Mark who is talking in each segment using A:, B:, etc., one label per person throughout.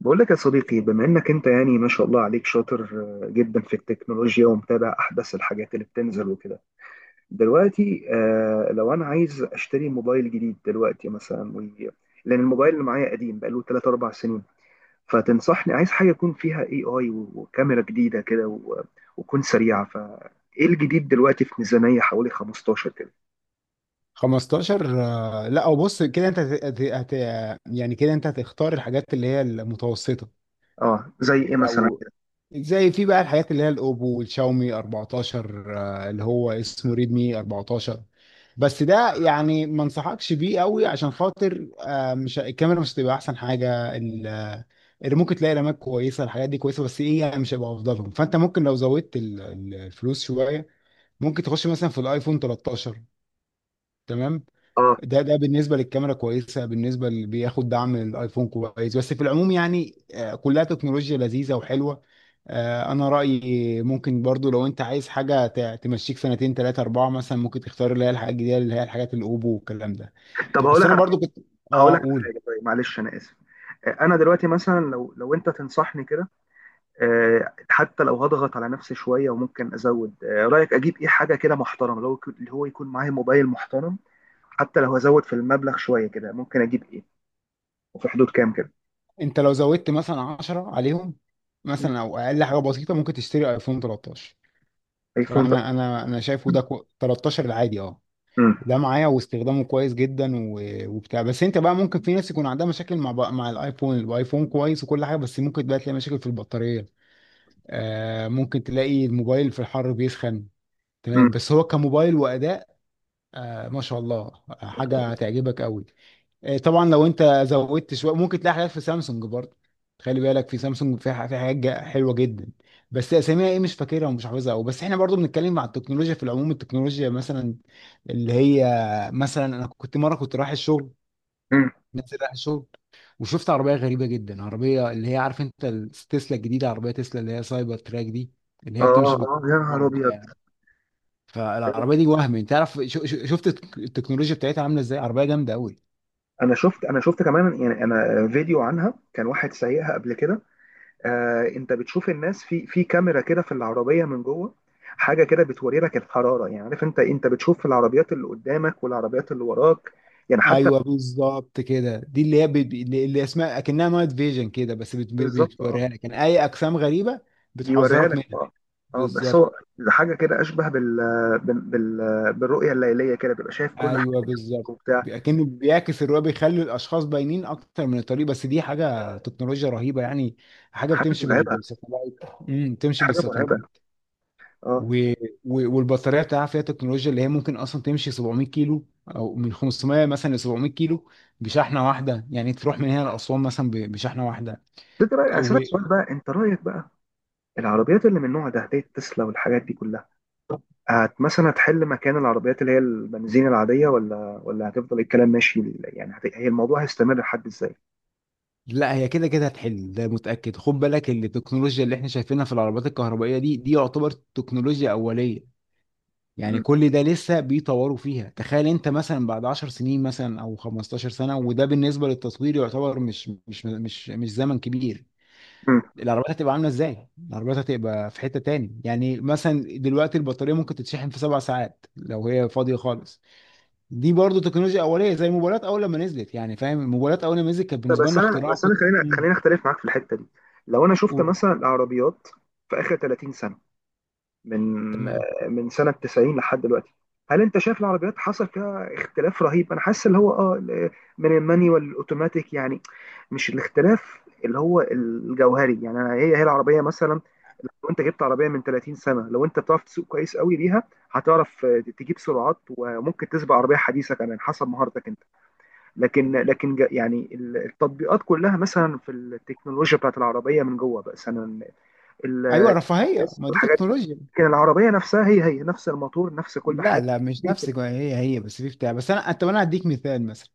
A: بقول لك يا صديقي، بما انك انت يعني ما شاء الله عليك شاطر جدا في التكنولوجيا، ومتابع احدث الحاجات اللي بتنزل وكده دلوقتي. لو انا عايز اشتري موبايل جديد دلوقتي مثلا، لان الموبايل اللي معايا قديم بقاله 3 4 سنين. فتنصحني، عايز حاجه يكون فيها اي اي وكاميرا جديده كده وتكون سريعه، فايه الجديد دلوقتي في ميزانيه حوالي 15 كده؟
B: 15. لا، او بص كده انت هت... يعني كده انت هتختار الحاجات اللي هي المتوسطه،
A: اه، زي ايه مثلا
B: او
A: كده؟
B: زي في بقى الحاجات اللي هي الاوبو والشاومي 14، اللي هو اسمه ريدمي 14. بس ده يعني ما انصحكش بيه قوي عشان خاطر مش الكاميرا، مش هتبقى احسن حاجه، اللي ممكن تلاقي رامات كويسه، الحاجات دي كويسه بس ايه يعني مش هيبقى افضلهم. فانت ممكن لو زودت الفلوس شويه ممكن تخش مثلا في الايفون 13. تمام.
A: اه.
B: ده بالنسبه للكاميرا كويسه، بالنسبه اللي بياخد دعم الايفون كويس، بس في العموم يعني كلها تكنولوجيا لذيذه وحلوه. انا رايي ممكن برضو لو انت عايز حاجه تمشيك سنتين ثلاثه اربعه مثلا ممكن تختار اللي هي الحاجات الجديده، اللي هي الحاجات الاوبو والكلام ده.
A: طب هقول
B: بس
A: لك
B: انا
A: على حاجه
B: برضو كنت.
A: هقول
B: اه،
A: لك على
B: قول.
A: حاجه، طيب، معلش انا اسف. انا دلوقتي مثلا، لو انت تنصحني كده، حتى لو هضغط على نفسي شويه وممكن ازود، رايك اجيب ايه؟ حاجه كده محترمه، اللي هو يكون معايا موبايل محترم، حتى لو هزود في المبلغ شويه كده، ممكن اجيب ايه؟ وفي حدود كام كده؟
B: انت لو زودت مثلا 10 عليهم
A: مم.
B: مثلا او اقل حاجه بسيطه ممكن تشتري ايفون 13.
A: ايفون، طب.
B: فانا انا شايفه 13 العادي، اه،
A: امم.
B: ده معايا واستخدامه كويس جدا وبتاع. بس انت بقى ممكن في ناس يكون عندها مشاكل مع مع الايفون. الايفون كويس وكل حاجه بس ممكن بقى تلاقي مشاكل في البطاريه، آه، ممكن تلاقي الموبايل في الحر بيسخن. تمام،
A: امم.
B: بس هو كموبايل واداء آه ما شاء الله، حاجه هتعجبك قوي. طبعا لو انت زودت شويه ممكن تلاقي حاجات في سامسونج برضه. خلي بالك، في سامسونج في في حاجات حلوه جدا بس اساميها ايه مش فاكرها ومش حافظها. او بس احنا برضه بنتكلم عن التكنولوجيا في العموم. التكنولوجيا مثلا اللي هي، مثلا انا كنت مره كنت رايح الشغل، نازل رايح الشغل، وشفت عربيه غريبه جدا، عربيه اللي هي عارف انت تسلا الجديده، عربيه تسلا اللي هي سايبر تراك دي، اللي هي
A: اه.
B: بتمشي
A: اه. يا
B: بالكهرباء
A: نهار ابيض!
B: وبتاع. فالعربيه دي، وهم انت تعرف شفت التكنولوجيا بتاعتها عامله ازاي، عربيه جامده قوي.
A: انا شفت كمان يعني، انا فيديو عنها كان، واحد سايقها قبل كده. انت بتشوف الناس في كاميرا كده في العربيه من جوه، حاجه كده بتوري لك الحراره، يعني عارف انت بتشوف في العربيات اللي قدامك والعربيات اللي وراك، يعني حتى.
B: ايوه بالظبط كده، دي اللي هي بت... اللي اللي اسمها اكنها نايت فيجن كده، بس
A: بالظبط اه.
B: بتوريها لك يعني اي اجسام غريبه،
A: بيوريها
B: بتحذرك
A: لك
B: منها.
A: اه. اه بس
B: بالظبط.
A: هو حاجه كده اشبه بالرؤيه الليليه كده، بيبقى شايف كل حاجه
B: ايوه بالظبط،
A: وبتاع.
B: اكنه بيعكس الرؤيه، بيخلي الاشخاص باينين اكتر من الطريق، بس دي حاجه تكنولوجيا رهيبه يعني، حاجه
A: حاجه
B: بتمشي
A: مرعبه.
B: بالساتلايت. امم، بتمشي
A: حاجه مرعبه.
B: بالساتلايت.
A: اه.
B: و... والبطاريه بتاعها فيها تكنولوجيا اللي هي ممكن اصلا تمشي 700 كيلو، او من 500 مثلا ل 700 كيلو بشحنه واحده، يعني تروح من هنا لاسوان مثلا بشحنه واحده.
A: انت رايك اسالك سؤال بقى، انت رايك بقى، العربيات اللي من النوع ده زي التسلا والحاجات دي كلها، هت مثلا هتحل مكان العربيات اللي هي البنزين العادية؟ ولا هتفضل الكلام ماشي يعني، هي الموضوع هيستمر لحد ازاي؟
B: لا هي كده كده هتحل، ده متأكد. خد بالك إن التكنولوجيا اللي احنا شايفينها في العربات الكهربائية دي، يعتبر تكنولوجيا أولية. يعني
A: مم.
B: كل ده لسه بيطوروا فيها. تخيل انت مثلا بعد 10 سنين مثلا او 15 سنة، وده بالنسبة للتصوير يعتبر مش زمن كبير،
A: مم.
B: العربيات هتبقى عاملة ازاي؟ العربيات هتبقى في حتة تاني. يعني مثلا دلوقتي البطارية ممكن تتشحن في 7 ساعات لو هي فاضية خالص. دي برضو تكنولوجيا أولية زي الموبايلات أول لما نزلت، يعني فاهم، الموبايلات أول لما نزلت كانت بالنسبة
A: بس
B: لنا
A: انا
B: اختراع.
A: بس انا
B: كنت.
A: خلينا
B: مم.
A: خلينا اختلف معاك في الحتة دي. لو انا شفت
B: قول.
A: مثلا العربيات في اخر 30 سنة، من
B: تمام.
A: من سنة 90 لحد دلوقتي. هل انت شايف العربيات حصل فيها اختلاف رهيب؟ انا حاسس اللي هو اه من المانيوال الاوتوماتيك يعني، مش الاختلاف اللي هو الجوهري يعني. أنا، هي هي العربية مثلا، لو انت جبت عربية من 30 سنة، لو انت بتعرف تسوق كويس قوي بيها، هتعرف تجيب سرعات، وممكن تسبق عربية حديثة كمان حسب مهارتك انت. لكن يعني التطبيقات كلها مثلا في التكنولوجيا بتاعت العربية من جوه بقى مثلا
B: ايوه،
A: ال-
B: رفاهيه، ما دي
A: الحاجات،
B: تكنولوجيا.
A: لكن العربية نفسها هي هي نفس الموتور، نفس كل
B: لا،
A: حاجة.
B: لا مش نفس هي هي، بس في بتاع. بس انا، طب انا هديك مثال مثلا.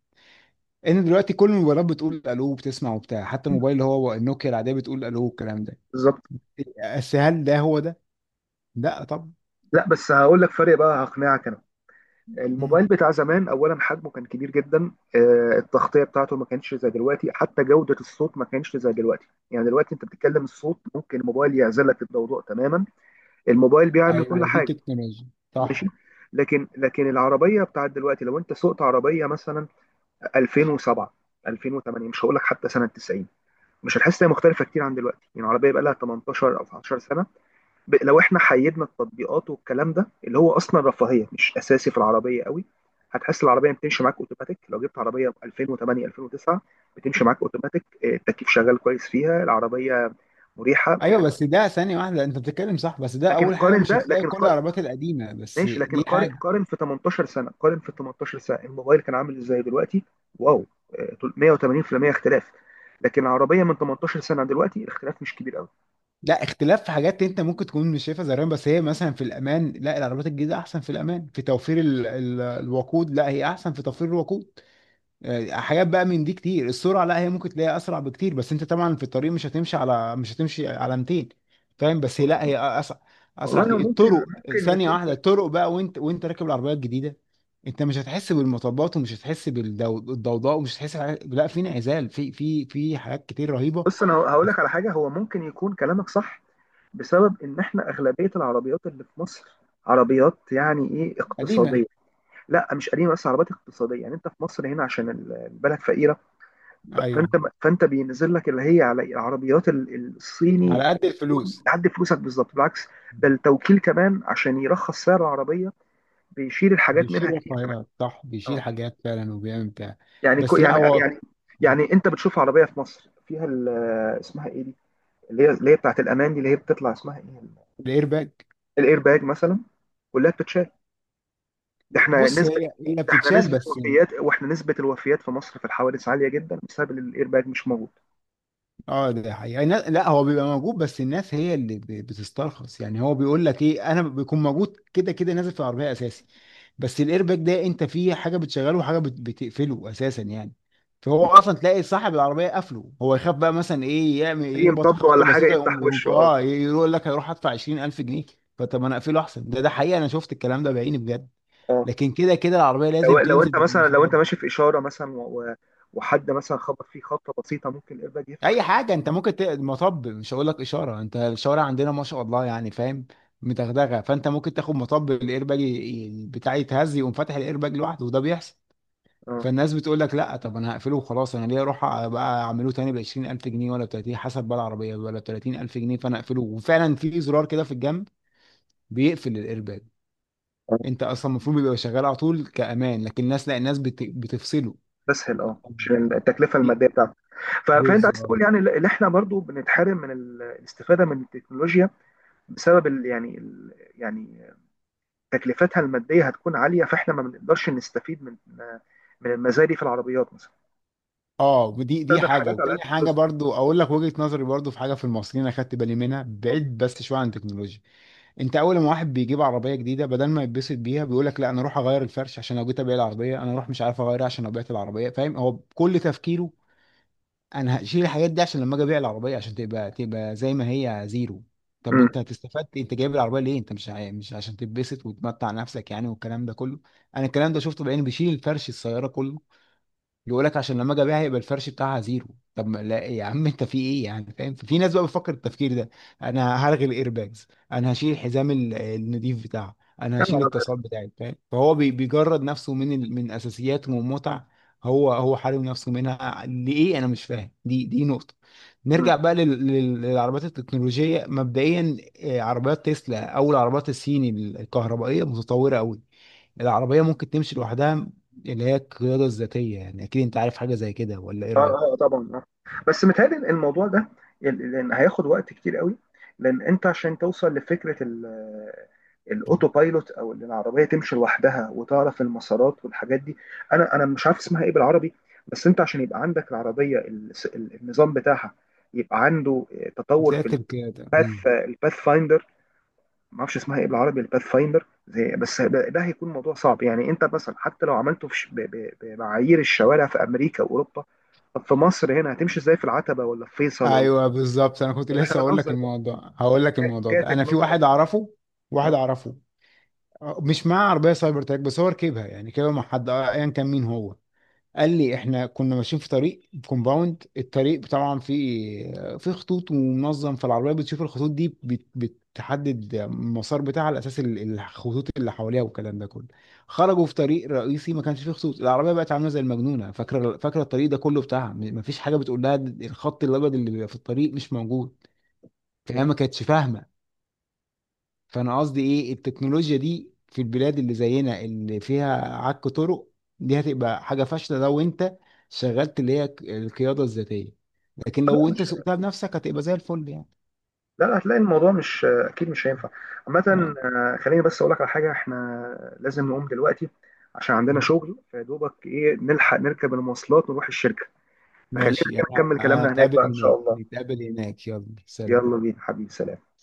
B: ان دلوقتي كل الموبايلات بتقول الو وبتسمع وبتاع، حتى الموبايل اللي هو النوكيا العاديه بتقول الو والكلام ده.
A: بالظبط.
B: بس هل ده هو ده؟ لا طبعا.
A: لا بس هقول لك فرق بقى، هقنعك انا.
B: مم.
A: الموبايل بتاع زمان، اولا حجمه كان كبير جدا، التغطيه بتاعته ما كانتش زي دلوقتي، حتى جوده الصوت ما كانتش زي دلوقتي، يعني دلوقتي انت بتتكلم الصوت ممكن الموبايل يعزلك الضوضاء تماما. الموبايل بيعمل كل
B: ايوه دي
A: حاجه.
B: تكنولوجيا.
A: ماشي.
B: صح.
A: لكن العربيه بتاعت دلوقتي، لو انت سوقت عربيه مثلا 2007 2008، مش هقول لك حتى سنه 90، مش هتحس انها مختلفه كتير عن دلوقتي، يعني عربيه بقى لها 18 او 19 سنه. لو احنا حيدنا التطبيقات والكلام ده، اللي هو اصلا رفاهيه مش اساسي في العربيه قوي، هتحس العربيه بتمشي معاك اوتوماتيك. لو جبت عربيه 2008 2009 بتمشي معاك اوتوماتيك، التكييف شغال كويس فيها العربيه، مريحه
B: ايوه
A: يعني.
B: بس ده ثانيه واحده، انت بتتكلم صح بس ده اول حاجه، مش هتلاقي
A: لكن
B: كل
A: قارن.
B: العربيات القديمه، بس
A: ماشي لكن
B: دي
A: قارن،
B: حاجه.
A: قارن في 18 سنه، قارن في 18 سنه، الموبايل كان عامل ازاي دلوقتي؟ واو، 180% اختلاف. لكن العربيه من 18 سنه دلوقتي الاختلاف مش كبير قوي.
B: لا، اختلاف في حاجات انت ممكن تكون مش شايفها زي، بس هي مثلا في الامان، لا العربيات الجديده احسن في الامان، في توفير ال الوقود، لا هي احسن في توفير الوقود. حاجات بقى من دي كتير. السرعه لا هي ممكن تلاقيها اسرع بكتير، بس انت طبعا في الطريق مش هتمشي على، مش هتمشي على 200، فاهم. بس هي لا هي اسرع، اسرع
A: والله
B: كتير.
A: ممكن.
B: الطرق،
A: ممكن
B: ثانيه
A: يكون.
B: واحده. الطرق بقى، وانت راكب العربيه الجديده، انت مش هتحس بالمطبات ومش هتحس بالضوضاء ومش هتحس بحاجات. لا، في انعزال، في حاجات كتير رهيبه.
A: بص انا هقول لك على حاجه، هو ممكن يكون كلامك صح، بسبب ان احنا اغلبيه العربيات اللي في مصر عربيات يعني ايه،
B: قديمه.
A: اقتصاديه. لا مش قديمه، بس عربيات اقتصاديه يعني. انت في مصر هنا عشان البلد فقيره، فانت،
B: ايوه،
A: فانت بينزل لك اللي هي على العربيات الصيني،
B: على قد
A: تكون
B: الفلوس.
A: تعدي فلوسك بالظبط، بالعكس. ده التوكيل كمان عشان يرخص سعر العربيه، بيشيل الحاجات
B: بيشيل
A: منها كتير كمان.
B: رفاهيات، صح، بيشيل
A: اه.
B: حاجات فعلا، وبيعمل بتاع.
A: يعني كو
B: بس لا
A: يعني
B: هو.
A: يعني يعني انت بتشوف عربيه في مصر فيها اسمها ايه دي؟ اللي هي بتاعت الامان دي، اللي هي بتطلع اسمها ايه؟
B: الايرباج.
A: الاير باج مثلا. كلها بتتشال. ده احنا
B: بص
A: نسبه
B: هي هي
A: ده احنا
B: بتتشال
A: نسبه
B: بس.
A: وفيات، واحنا نسبه الوفيات في مصر في الحوادث عاليه جدا بسبب ان الاير باج مش موجود.
B: اه ده حقيقي. الناس، لا هو بيبقى موجود بس الناس هي اللي بتسترخص. يعني هو بيقول لك ايه، انا بيكون موجود كده كده، نازل في العربيه اساسي، بس الايرباك ده انت فيه حاجه بتشغله وحاجه بتقفله اساسا يعني. فهو اصلا تلاقي صاحب العربيه قافله، هو يخاف بقى، مثلا ايه، يعمل
A: اي
B: إيه، يخبط
A: مطب
B: خبطه
A: ولا حاجه
B: بسيطه، يقوم
A: يفتح
B: يقوم
A: وشه اه.
B: اه يقول لك هيروح ادفع 20000 جنيه. فطب ما انا اقفله احسن. ده حقيقه، انا شفت الكلام ده بعيني بجد.
A: اه
B: لكن كده كده العربيه
A: لو
B: لازم
A: لو
B: تنزل
A: انت مثلا، لو
B: بالمواصفات
A: انت
B: دي.
A: ماشي في اشاره مثلا وحد مثلا خبط فيه خبطه بسيطه، ممكن الاير باج يفتح.
B: اي حاجه، انت ممكن مطب، مش هقول لك اشاره، انت الشوارع عندنا ما شاء الله يعني فاهم متغدغه. فانت ممكن تاخد مطب، الايرباج بتاعي يتهز، يقوم فاتح الايرباج لوحده، وده بيحصل.
A: اه.
B: فالناس بتقول لك لا، طب انا هقفله وخلاص، انا ليه اروح بقى اعمله تاني ب 20000 جنيه ولا 30 حسب بقى العربيه، ولا 30000 جنيه. فانا اقفله. وفعلا في زرار كده في الجنب بيقفل الايرباك.
A: اه
B: انت اصلا المفروض بيبقى شغال على طول كامان، لكن الناس لا، الناس بتفصله.
A: تسهل، اه عشان التكلفه
B: دي
A: الماديه بتاعته. فانت عايز
B: بالظبط.
A: تقول، يعني اللي احنا برضو بنتحرم من الاستفاده من التكنولوجيا بسبب يعني تكلفتها الماديه هتكون عاليه، فاحنا ما بنقدرش نستفيد من المزايا دي في العربيات مثلا.
B: اه، دي
A: نستخدم
B: حاجه.
A: حاجات على
B: وتاني
A: قد
B: حاجه
A: فلوس.
B: برضو اقول لك وجهه نظري، برضو في حاجه في المصريين اخدت بالي منها، بعيد بس شويه عن التكنولوجيا. انت اول ما واحد بيجيب عربيه جديده، بدل ما يتبسط بيها، بيقول لك لا انا اروح اغير الفرش، عشان لو جيت ابيع العربيه، انا اروح مش عارف اغيرها عشان لو بعت العربيه، فاهم، هو كل تفكيره انا هشيل الحاجات دي عشان لما اجي ابيع العربيه، عشان تبقى زي ما هي زيرو. طب
A: امم.
B: انت هتستفاد إيه؟ انت جايب العربيه ليه، انت مش عشان تتبسط وتمتع نفسك يعني، والكلام ده كله. انا الكلام ده شفته بعيني، بيشيل الفرش، السياره كله. يقول لك عشان لما اجي ابيعها يبقى الفرش بتاعها زيرو. طب ما، لا يا عم انت في ايه يعني، فاهم، في ناس بقى بتفكر التفكير ده. انا هرغي الايرباجز، انا هشيل الحزام النضيف بتاعه، انا
A: يا
B: هشيل
A: نهار
B: التصال
A: أبيض.
B: بتاعي، فاهم، فهو بيجرد نفسه من من اساسيات ومتع. هو هو حارم نفسه منها ليه، انا مش فاهم. دي نقطة.
A: أمم.
B: نرجع بقى للعربيات التكنولوجية مبدئيا. عربيات تسلا او العربيات الصيني الكهربائية متطورة قوي. العربية ممكن تمشي لوحدها، اللي هي القيادة الذاتية، يعني أكيد أنت عارف حاجة زي كده، ولا إيه
A: اه.
B: رأيك؟
A: اه. طبعا اه. بس متهيألي الموضوع ده لان هياخد وقت كتير قوي، لان انت عشان توصل لفكره الاوتو بايلوت، او ان العربيه تمشي لوحدها وتعرف المسارات والحاجات دي، انا مش عارف اسمها ايه بالعربي. بس انت عشان يبقى عندك العربيه النظام بتاعها، يبقى عنده تطور في
B: ذات القيادة. مم.
A: الباث فايندر. ما اعرفش اسمها ايه بالعربي. الباث فايندر زي، بس ده هيكون موضوع صعب يعني، انت مثلا حتى لو عملته في بمعايير الشوارع في امريكا واوروبا، طب في مصر هنا هتمشي ازاي؟ في العتبه، ولا في فيصل، ولا
B: ايوه بالظبط، انا كنت
A: احنا
B: لسه هقول لك
A: بنهزر بقى،
B: الموضوع، هقول لك الموضوع ده،
A: كاتك
B: انا في
A: مثلا؟
B: واحد اعرفه، واحد
A: اه.
B: اعرفه مش معاه عربيه سايبر تراك بس هو ركبها، يعني ركبها مع حد ايا كان مين هو، قال لي احنا كنا ماشيين في طريق كومباوند. الطريق طبعا في في خطوط ومنظم، فالعربيه بتشوف الخطوط دي بتحدد المسار بتاعها على اساس الخطوط اللي حواليها والكلام ده كله. خرجوا في طريق رئيسي ما كانش فيه خطوط، العربيه بقت عامله زي المجنونه، فاكره فاكره الطريق ده كله بتاعها، مفيش حاجه بتقول لها، الخط الابيض اللي بيبقى في الطريق مش موجود، فهي ما كانتش فاهمه. فانا قصدي ايه، التكنولوجيا دي في البلاد اللي زينا اللي فيها عك طرق، دي هتبقى حاجه فاشله لو انت شغلت اللي هي القياده الذاتيه، لكن
A: لا
B: لو انت
A: مش
B: سوقتها بنفسك هتبقى زي الفل يعني.
A: لا هتلاقي الموضوع مش، اكيد مش هينفع عامه.
B: اه
A: خليني بس اقول لك على حاجه، احنا لازم نقوم دلوقتي عشان عندنا شغل، فيدوبك ايه نلحق نركب المواصلات ونروح الشركه. فخلينا
B: ماشي، انا
A: نكمل كلامنا هناك
B: هتقابل
A: بقى ان
B: هناك
A: شاء الله.
B: نتقابل هناك، يلا
A: يلا
B: سلام.
A: بينا حبيبي، سلام.